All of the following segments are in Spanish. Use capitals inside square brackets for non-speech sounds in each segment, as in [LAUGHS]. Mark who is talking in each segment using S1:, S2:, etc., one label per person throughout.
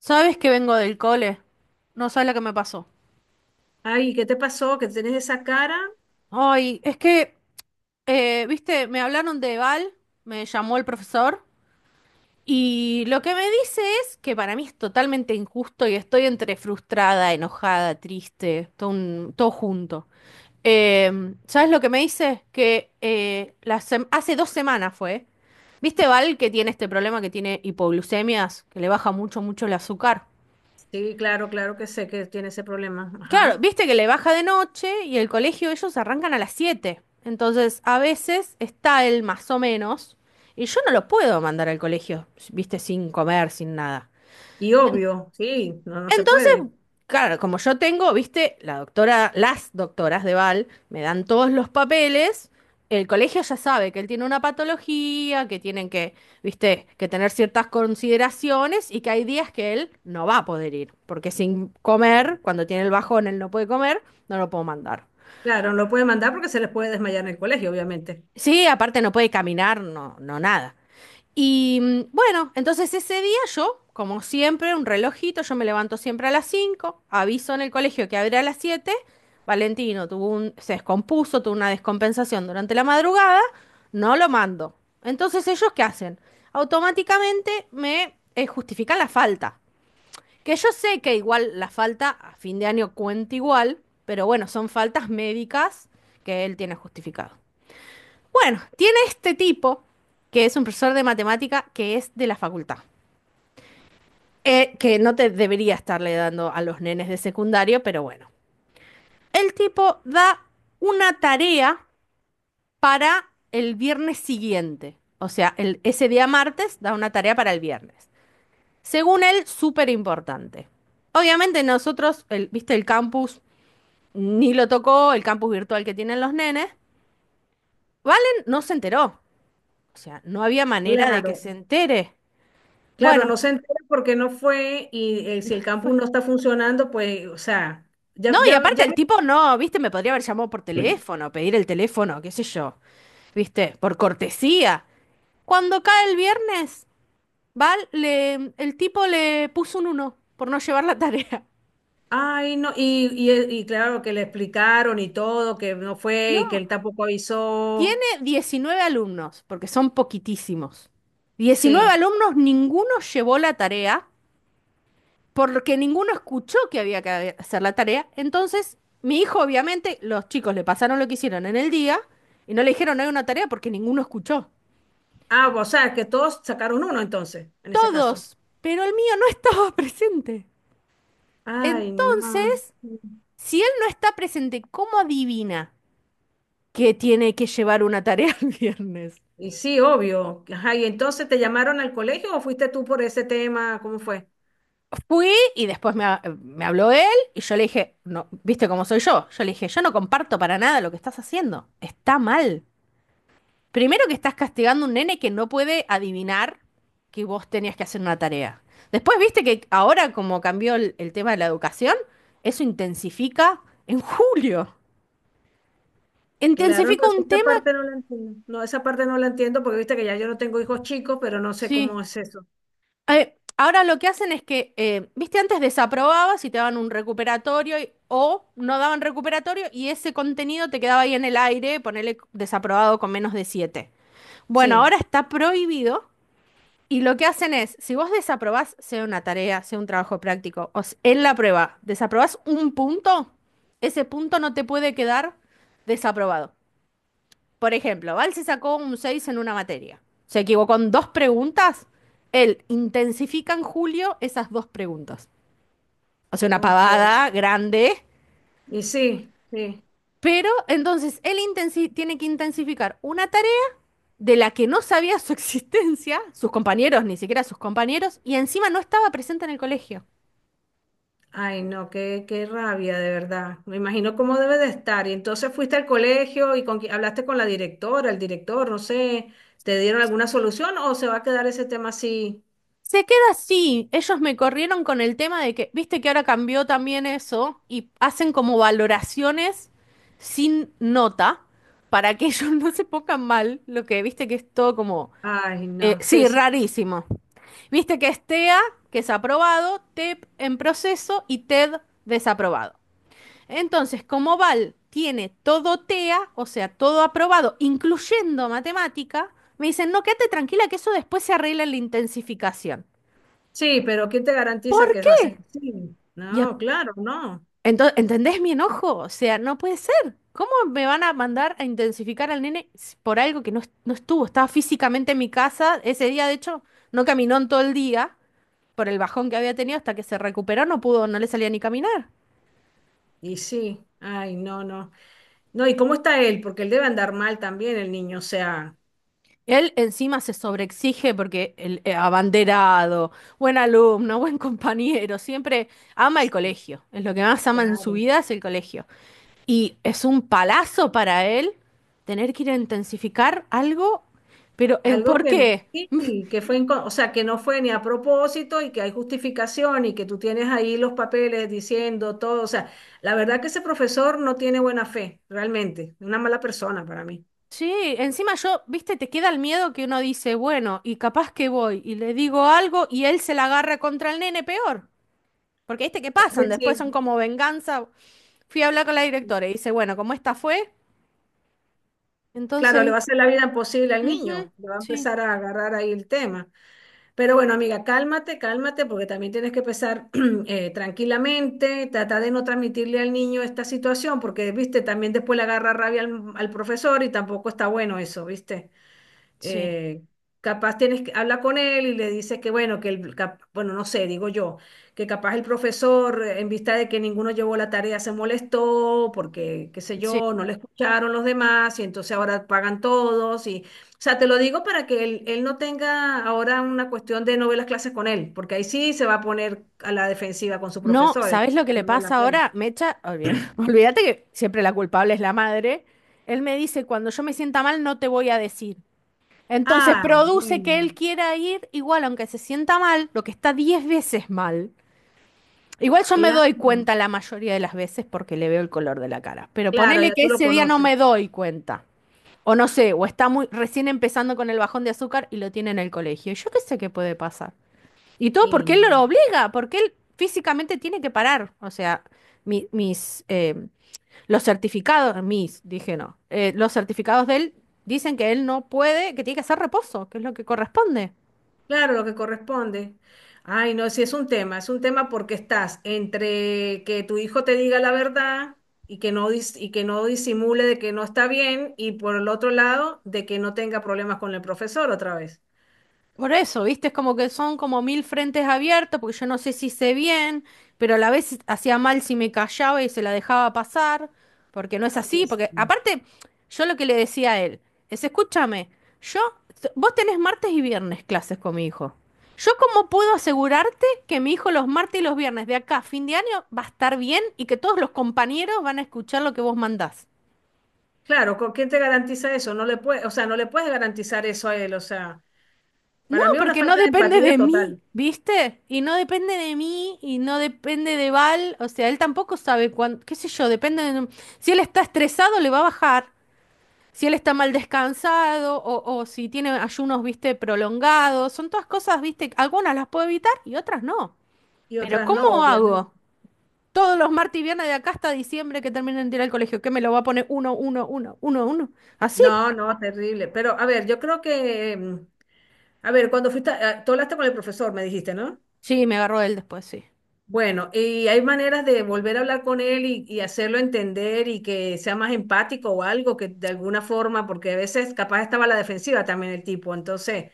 S1: ¿Sabes que vengo del cole? No sabes lo que me pasó.
S2: Ay, ¿qué te pasó? ¿Que tienes esa cara?
S1: Ay, es que, viste, me hablaron de Val, me llamó el profesor, y lo que me dice es que para mí es totalmente injusto y estoy entre frustrada, enojada, triste, todo, todo junto. Eh, ¿Sabes lo que me dice? Que hace 2 semanas fue. ¿Viste Val que tiene este problema que tiene hipoglucemias, que le baja mucho, mucho el azúcar?
S2: Sí, claro, claro que sé que tiene ese problema.
S1: Claro,
S2: Ajá.
S1: viste que le baja de noche y el colegio ellos arrancan a las 7. Entonces, a veces está él más o menos y yo no lo puedo mandar al colegio, viste, sin comer, sin nada.
S2: Y obvio, sí, no, no se puede.
S1: Entonces, claro, como yo tengo, viste, la doctora, las doctoras de Val me dan todos los papeles, el colegio ya sabe que él tiene una patología, que tienen que, viste, que tener ciertas consideraciones y que hay días que él no va a poder ir, porque sin comer, cuando tiene el bajón, él no puede comer, no lo puedo mandar.
S2: Claro, no lo puede mandar porque se les puede desmayar en el colegio, obviamente.
S1: Sí, aparte no puede caminar, no, no nada. Y bueno, entonces ese día yo, como siempre, un relojito, yo me levanto siempre a las 5, aviso en el colegio que abre a las 7. Valentino tuvo se descompuso, tuvo una descompensación durante la madrugada, no lo mando. Entonces ellos, ¿qué hacen? Automáticamente me justifican la falta. Que yo sé que igual la falta a fin de año cuenta igual, pero bueno, son faltas médicas que él tiene justificado. Bueno, tiene este tipo, que es un profesor de matemática, que es de la facultad. Que no te debería estarle dando a los nenes de secundario, pero bueno. El tipo da una tarea para el viernes siguiente. O sea, ese día martes da una tarea para el viernes. Según él, súper importante. Obviamente nosotros, viste, el campus ni lo tocó, el campus virtual que tienen los nenes. Valen no se enteró. O sea, no había manera de que
S2: Claro,
S1: se entere.
S2: claro, no
S1: Bueno,
S2: se entera porque no fue y si el
S1: fue.
S2: campus no está funcionando, pues, o sea,
S1: No,
S2: ya,
S1: y
S2: ya,
S1: aparte
S2: ya.
S1: el tipo no, viste, me podría haber llamado por
S2: [CLEARS THROAT]
S1: teléfono, pedir el teléfono, qué sé yo, viste, por cortesía. Cuando cae el viernes, el tipo le puso un uno por no llevar la tarea.
S2: Ay, no, y claro que le explicaron y todo, que no fue y que
S1: No,
S2: él tampoco
S1: tiene
S2: avisó.
S1: 19 alumnos, porque son poquitísimos. diecinueve
S2: Sí.
S1: alumnos, ninguno llevó la tarea, porque ninguno escuchó que había que hacer la tarea. Entonces, mi hijo, obviamente, los chicos le pasaron lo que hicieron en el día y no le dijeron "No hay una tarea porque ninguno escuchó".
S2: Ah, o sea, que todos sacaron uno entonces, en ese caso.
S1: Todos, pero el mío no estaba [LAUGHS] presente.
S2: Ay, no.
S1: Entonces, si él no está presente, ¿cómo adivina que tiene que llevar una tarea [LAUGHS] el viernes?
S2: Y sí, obvio. Ajá, y entonces te llamaron al colegio o fuiste tú por ese tema, ¿cómo fue?
S1: Fui y después me, me habló él y yo le dije, no, ¿viste cómo soy yo? Yo le dije, yo no comparto para nada lo que estás haciendo. Está mal. Primero que estás castigando a un nene que no puede adivinar que vos tenías que hacer una tarea. Después, viste que ahora como cambió el tema de la educación, eso intensifica en julio.
S2: Claro, no,
S1: Intensifica un
S2: esa
S1: tema,
S2: parte no la entiendo. No, esa parte no la entiendo porque viste que ya yo no tengo hijos chicos, pero no sé cómo
S1: sí.
S2: es eso.
S1: Ahora lo que hacen es que, viste, antes desaprobabas y te daban un recuperatorio o no daban recuperatorio y ese contenido te quedaba ahí en el aire, ponerle desaprobado con menos de 7. Bueno,
S2: Sí,
S1: ahora está prohibido y lo que hacen es, si vos desaprobás, sea una tarea, sea un trabajo práctico, en la prueba, desaprobás un punto, ese punto no te puede quedar desaprobado. Por ejemplo, Val se sacó un 6 en una materia. Se equivocó en dos preguntas. Él intensifica en julio esas dos preguntas. O sea, una
S2: ok.
S1: pavada grande.
S2: Y sí, sí.
S1: Pero entonces él tiene que intensificar una tarea de la que no sabía su [LAUGHS] existencia, sus compañeros, ni siquiera sus compañeros, y encima no estaba presente en el colegio.
S2: Ay, no, qué, qué rabia, de verdad. Me imagino cómo debe de estar. Y entonces fuiste al colegio y con, hablaste con la directora, el director, no sé, ¿te dieron alguna solución o se va a quedar ese tema así?
S1: Se queda así. Ellos me corrieron con el tema de que, viste que ahora cambió también eso y hacen como valoraciones sin nota para que ellos [LAUGHS] no se pongan mal, lo que viste que es todo como,
S2: Ay, no, sí,
S1: sí,
S2: sí.
S1: rarísimo. Viste que es TEA, que es aprobado, TEP en proceso y TED desaprobado. Entonces, como Val tiene todo TEA, o sea, todo aprobado, incluyendo matemática, me dicen, no, quédate tranquila que eso después se arregla en la intensificación.
S2: Sí, pero ¿quién te garantiza
S1: ¿Por
S2: que va a
S1: qué?
S2: ser así?
S1: Y a-
S2: No, claro, no.
S1: ¿Entendés mi enojo? O sea, no puede ser. ¿Cómo me van a mandar a intensificar al nene por algo que no estuvo? Estaba físicamente en mi casa. Ese día, de hecho, no caminó en todo el día por el bajón que había tenido hasta que se recuperó. No pudo, no le salía ni caminar.
S2: Y sí, ay, no, no. No, ¿y cómo está él? Porque él debe andar mal también, el niño, o sea,
S1: Él encima se sobreexige porque el abanderado, buen alumno, buen [LAUGHS] compañero, siempre ama el colegio. Es lo que más ama en su
S2: claro.
S1: vida es el colegio. Y es un palazo para él tener que ir a intensificar algo, pero ¿en
S2: Algo
S1: por
S2: que
S1: qué?
S2: sí, que fue, o sea, que no fue ni a propósito y que hay justificación y que tú tienes ahí los papeles diciendo todo, o sea, la verdad que ese profesor no tiene buena fe, realmente, una mala persona para mí.
S1: Sí, encima yo, viste, te queda el miedo que uno dice, bueno, y capaz que voy y le digo algo y él se la agarra contra el nene peor. Porque viste que
S2: Es que
S1: pasan, después son
S2: sí,
S1: como venganza. Fui a hablar con la directora y dice, bueno, como esta fue,
S2: claro, le
S1: entonces,
S2: va a hacer la vida imposible al
S1: ujú,
S2: niño, le va a
S1: sí,
S2: empezar a agarrar ahí el tema. Pero bueno, amiga, cálmate, cálmate, porque también tienes que pensar [CLEARS THROAT] tranquilamente, tratar de no transmitirle al niño esta situación, porque, viste, también después le agarra rabia al, al profesor y tampoco está bueno eso, ¿viste?
S1: sí,
S2: eh, capaz tienes que habla con él y le dices que bueno, bueno, no sé, digo yo, que capaz el profesor, en vista de que ninguno llevó la tarea, se molestó porque, qué sé
S1: sí.
S2: yo, no le escucharon los demás y entonces ahora pagan todos y, o sea, te lo digo para que él no tenga ahora una cuestión de no ver las clases con él, porque ahí sí se va a poner a la defensiva con sus
S1: No,
S2: profesores.
S1: ¿sabes lo que le
S2: No vale
S1: pasa
S2: la pena.
S1: ahora? Mecha, [LAUGHS] olvídate que siempre la culpable es la madre. Él me dice, cuando yo me sienta mal, no te voy a decir. Entonces
S2: Ah,
S1: produce que
S2: bueno,
S1: él quiera ir igual, aunque se sienta mal, lo que está 10 veces mal. Igual yo me doy
S2: claro,
S1: cuenta la mayoría de las veces porque le veo el color de la cara. Pero
S2: claro,
S1: ponele
S2: ya
S1: que
S2: tú lo
S1: ese día no
S2: conoces.
S1: me doy cuenta. O no sé, o está muy recién empezando con el bajón de azúcar y lo tiene en el colegio. Yo qué sé qué puede pasar. Y todo
S2: Y
S1: porque él
S2: no.
S1: lo obliga, porque él físicamente tiene que parar. O sea, mi- mis, eh, los certificados, mis, dije no, los certificados de él dicen que él no puede, que tiene que hacer reposo, que es lo que corresponde.
S2: Claro, lo que corresponde. Ay, no, sí es un tema porque estás entre que tu hijo te diga la verdad y que no, y que no disimule de que no está bien y por el otro lado de que no tenga problemas con el profesor otra vez.
S1: Por eso, ¿viste? Es como que son como mil frentes abiertos, porque yo no sé si hice bien, pero a la vez hacía mal si me callaba y se la dejaba pasar, porque no es
S2: Sí,
S1: así, porque
S2: sí.
S1: aparte, yo lo que le decía a él es, escúchame, yo, vos tenés martes y viernes clases con mi hijo. ¿Yo cómo puedo asegurarte que mi hijo los martes y los viernes de acá a fin de año va a estar bien y que todos los compañeros van a escuchar lo que vos mandás?
S2: Claro, ¿con quién te garantiza eso? No le puede, o sea, no le puedes garantizar eso a él, o sea,
S1: No,
S2: para mí es una
S1: porque no
S2: falta de
S1: depende
S2: empatía
S1: de mí,
S2: total
S1: ¿viste? Y no depende de mí y no depende de Val. O sea, él tampoco sabe cuándo, qué sé yo, depende de... Si él está estresado, le va a bajar. Si él está mal descansado o si tiene ayunos, viste, prolongados. Son todas cosas, viste, algunas las puedo evitar y otras no.
S2: y
S1: Pero
S2: otras no,
S1: ¿cómo
S2: obviamente.
S1: hago? Todos los martes y viernes de acá hasta diciembre que terminen de ir al colegio, ¿qué me lo va a poner uno, uno, uno, uno, uno? ¿Así?
S2: No, no, terrible. Pero a ver, yo creo que, a ver, cuando fuiste, tú hablaste con el profesor, me dijiste, ¿no?
S1: Sí, me agarró él después, sí.
S2: Bueno, y hay maneras de volver a hablar con él y hacerlo entender y que sea más empático o algo, que de alguna forma, porque a veces capaz estaba a la defensiva también el tipo, entonces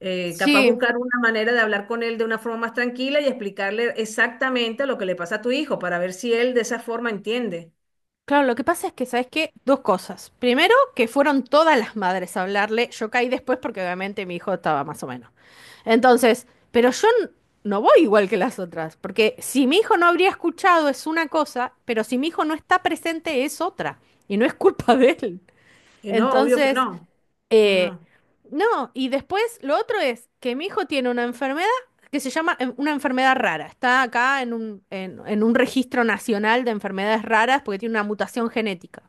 S2: capaz
S1: Sí,
S2: buscar una manera de hablar con él de una forma más tranquila y explicarle exactamente lo que le pasa a tu hijo para ver si él de esa forma entiende.
S1: claro, lo que pasa es que, ¿sabes qué? Dos cosas. Primero, que fueron todas las madres a hablarle. Yo caí después porque obviamente mi hijo estaba más o menos. Entonces, pero yo no voy igual que las otras, porque si mi hijo no habría escuchado es una cosa, pero si mi hijo no está presente es otra, y no es culpa de él.
S2: Y no, obvio que
S1: Entonces,
S2: no.
S1: eh,
S2: No.
S1: no, y después lo otro es que mi hijo tiene una enfermedad que se llama una enfermedad rara. Está acá en un, en un registro nacional de enfermedades raras porque tiene una mutación genética.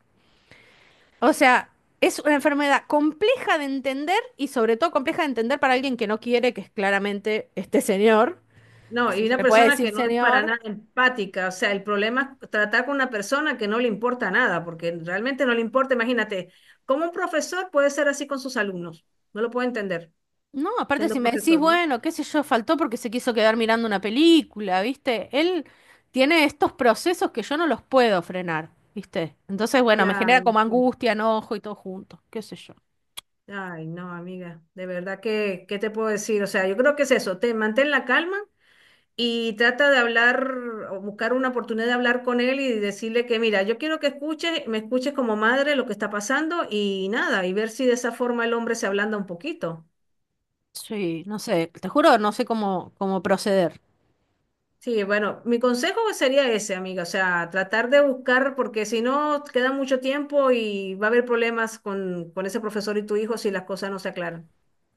S1: O sea, es una enfermedad compleja de entender y sobre todo compleja de entender para alguien que no quiere, que es claramente este señor.
S2: No, y
S1: Si se
S2: una
S1: le puede
S2: persona que
S1: decir
S2: no es para
S1: señor.
S2: nada empática, o sea, el problema es tratar con una persona que no le importa nada, porque realmente no le importa, imagínate, ¿cómo un profesor puede ser así con sus alumnos? No lo puedo entender,
S1: No, aparte
S2: siendo
S1: si me decís,
S2: profesor, ¿no?
S1: bueno, qué sé yo, faltó porque se quiso quedar mirando una película, ¿viste? Él tiene estos procesos que yo no los puedo frenar, ¿viste? Entonces, bueno, me genera
S2: Claro,
S1: como
S2: sí.
S1: angustia, enojo y todo junto, qué sé yo.
S2: Ay, no, amiga, de verdad que, ¿qué te puedo decir? O sea, yo creo que es eso, te mantén la calma y trata de hablar o buscar una oportunidad de hablar con él y decirle que, mira, yo quiero que escuches, me escuches como madre lo que está pasando y nada, y ver si de esa forma el hombre se ablanda un poquito.
S1: Sí, no sé, te juro, no sé cómo proceder.
S2: Sí, bueno, mi consejo sería ese, amiga, o sea, tratar de buscar, porque si no, queda mucho tiempo y va a haber problemas con ese profesor y tu hijo si las cosas no se aclaran.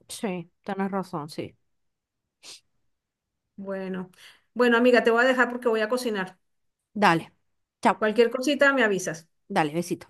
S1: Sí, tenés razón, sí.
S2: Bueno, bueno, amiga, te voy a dejar porque voy a cocinar.
S1: Dale, chao,
S2: Cualquier cosita me avisas.
S1: dale, besito.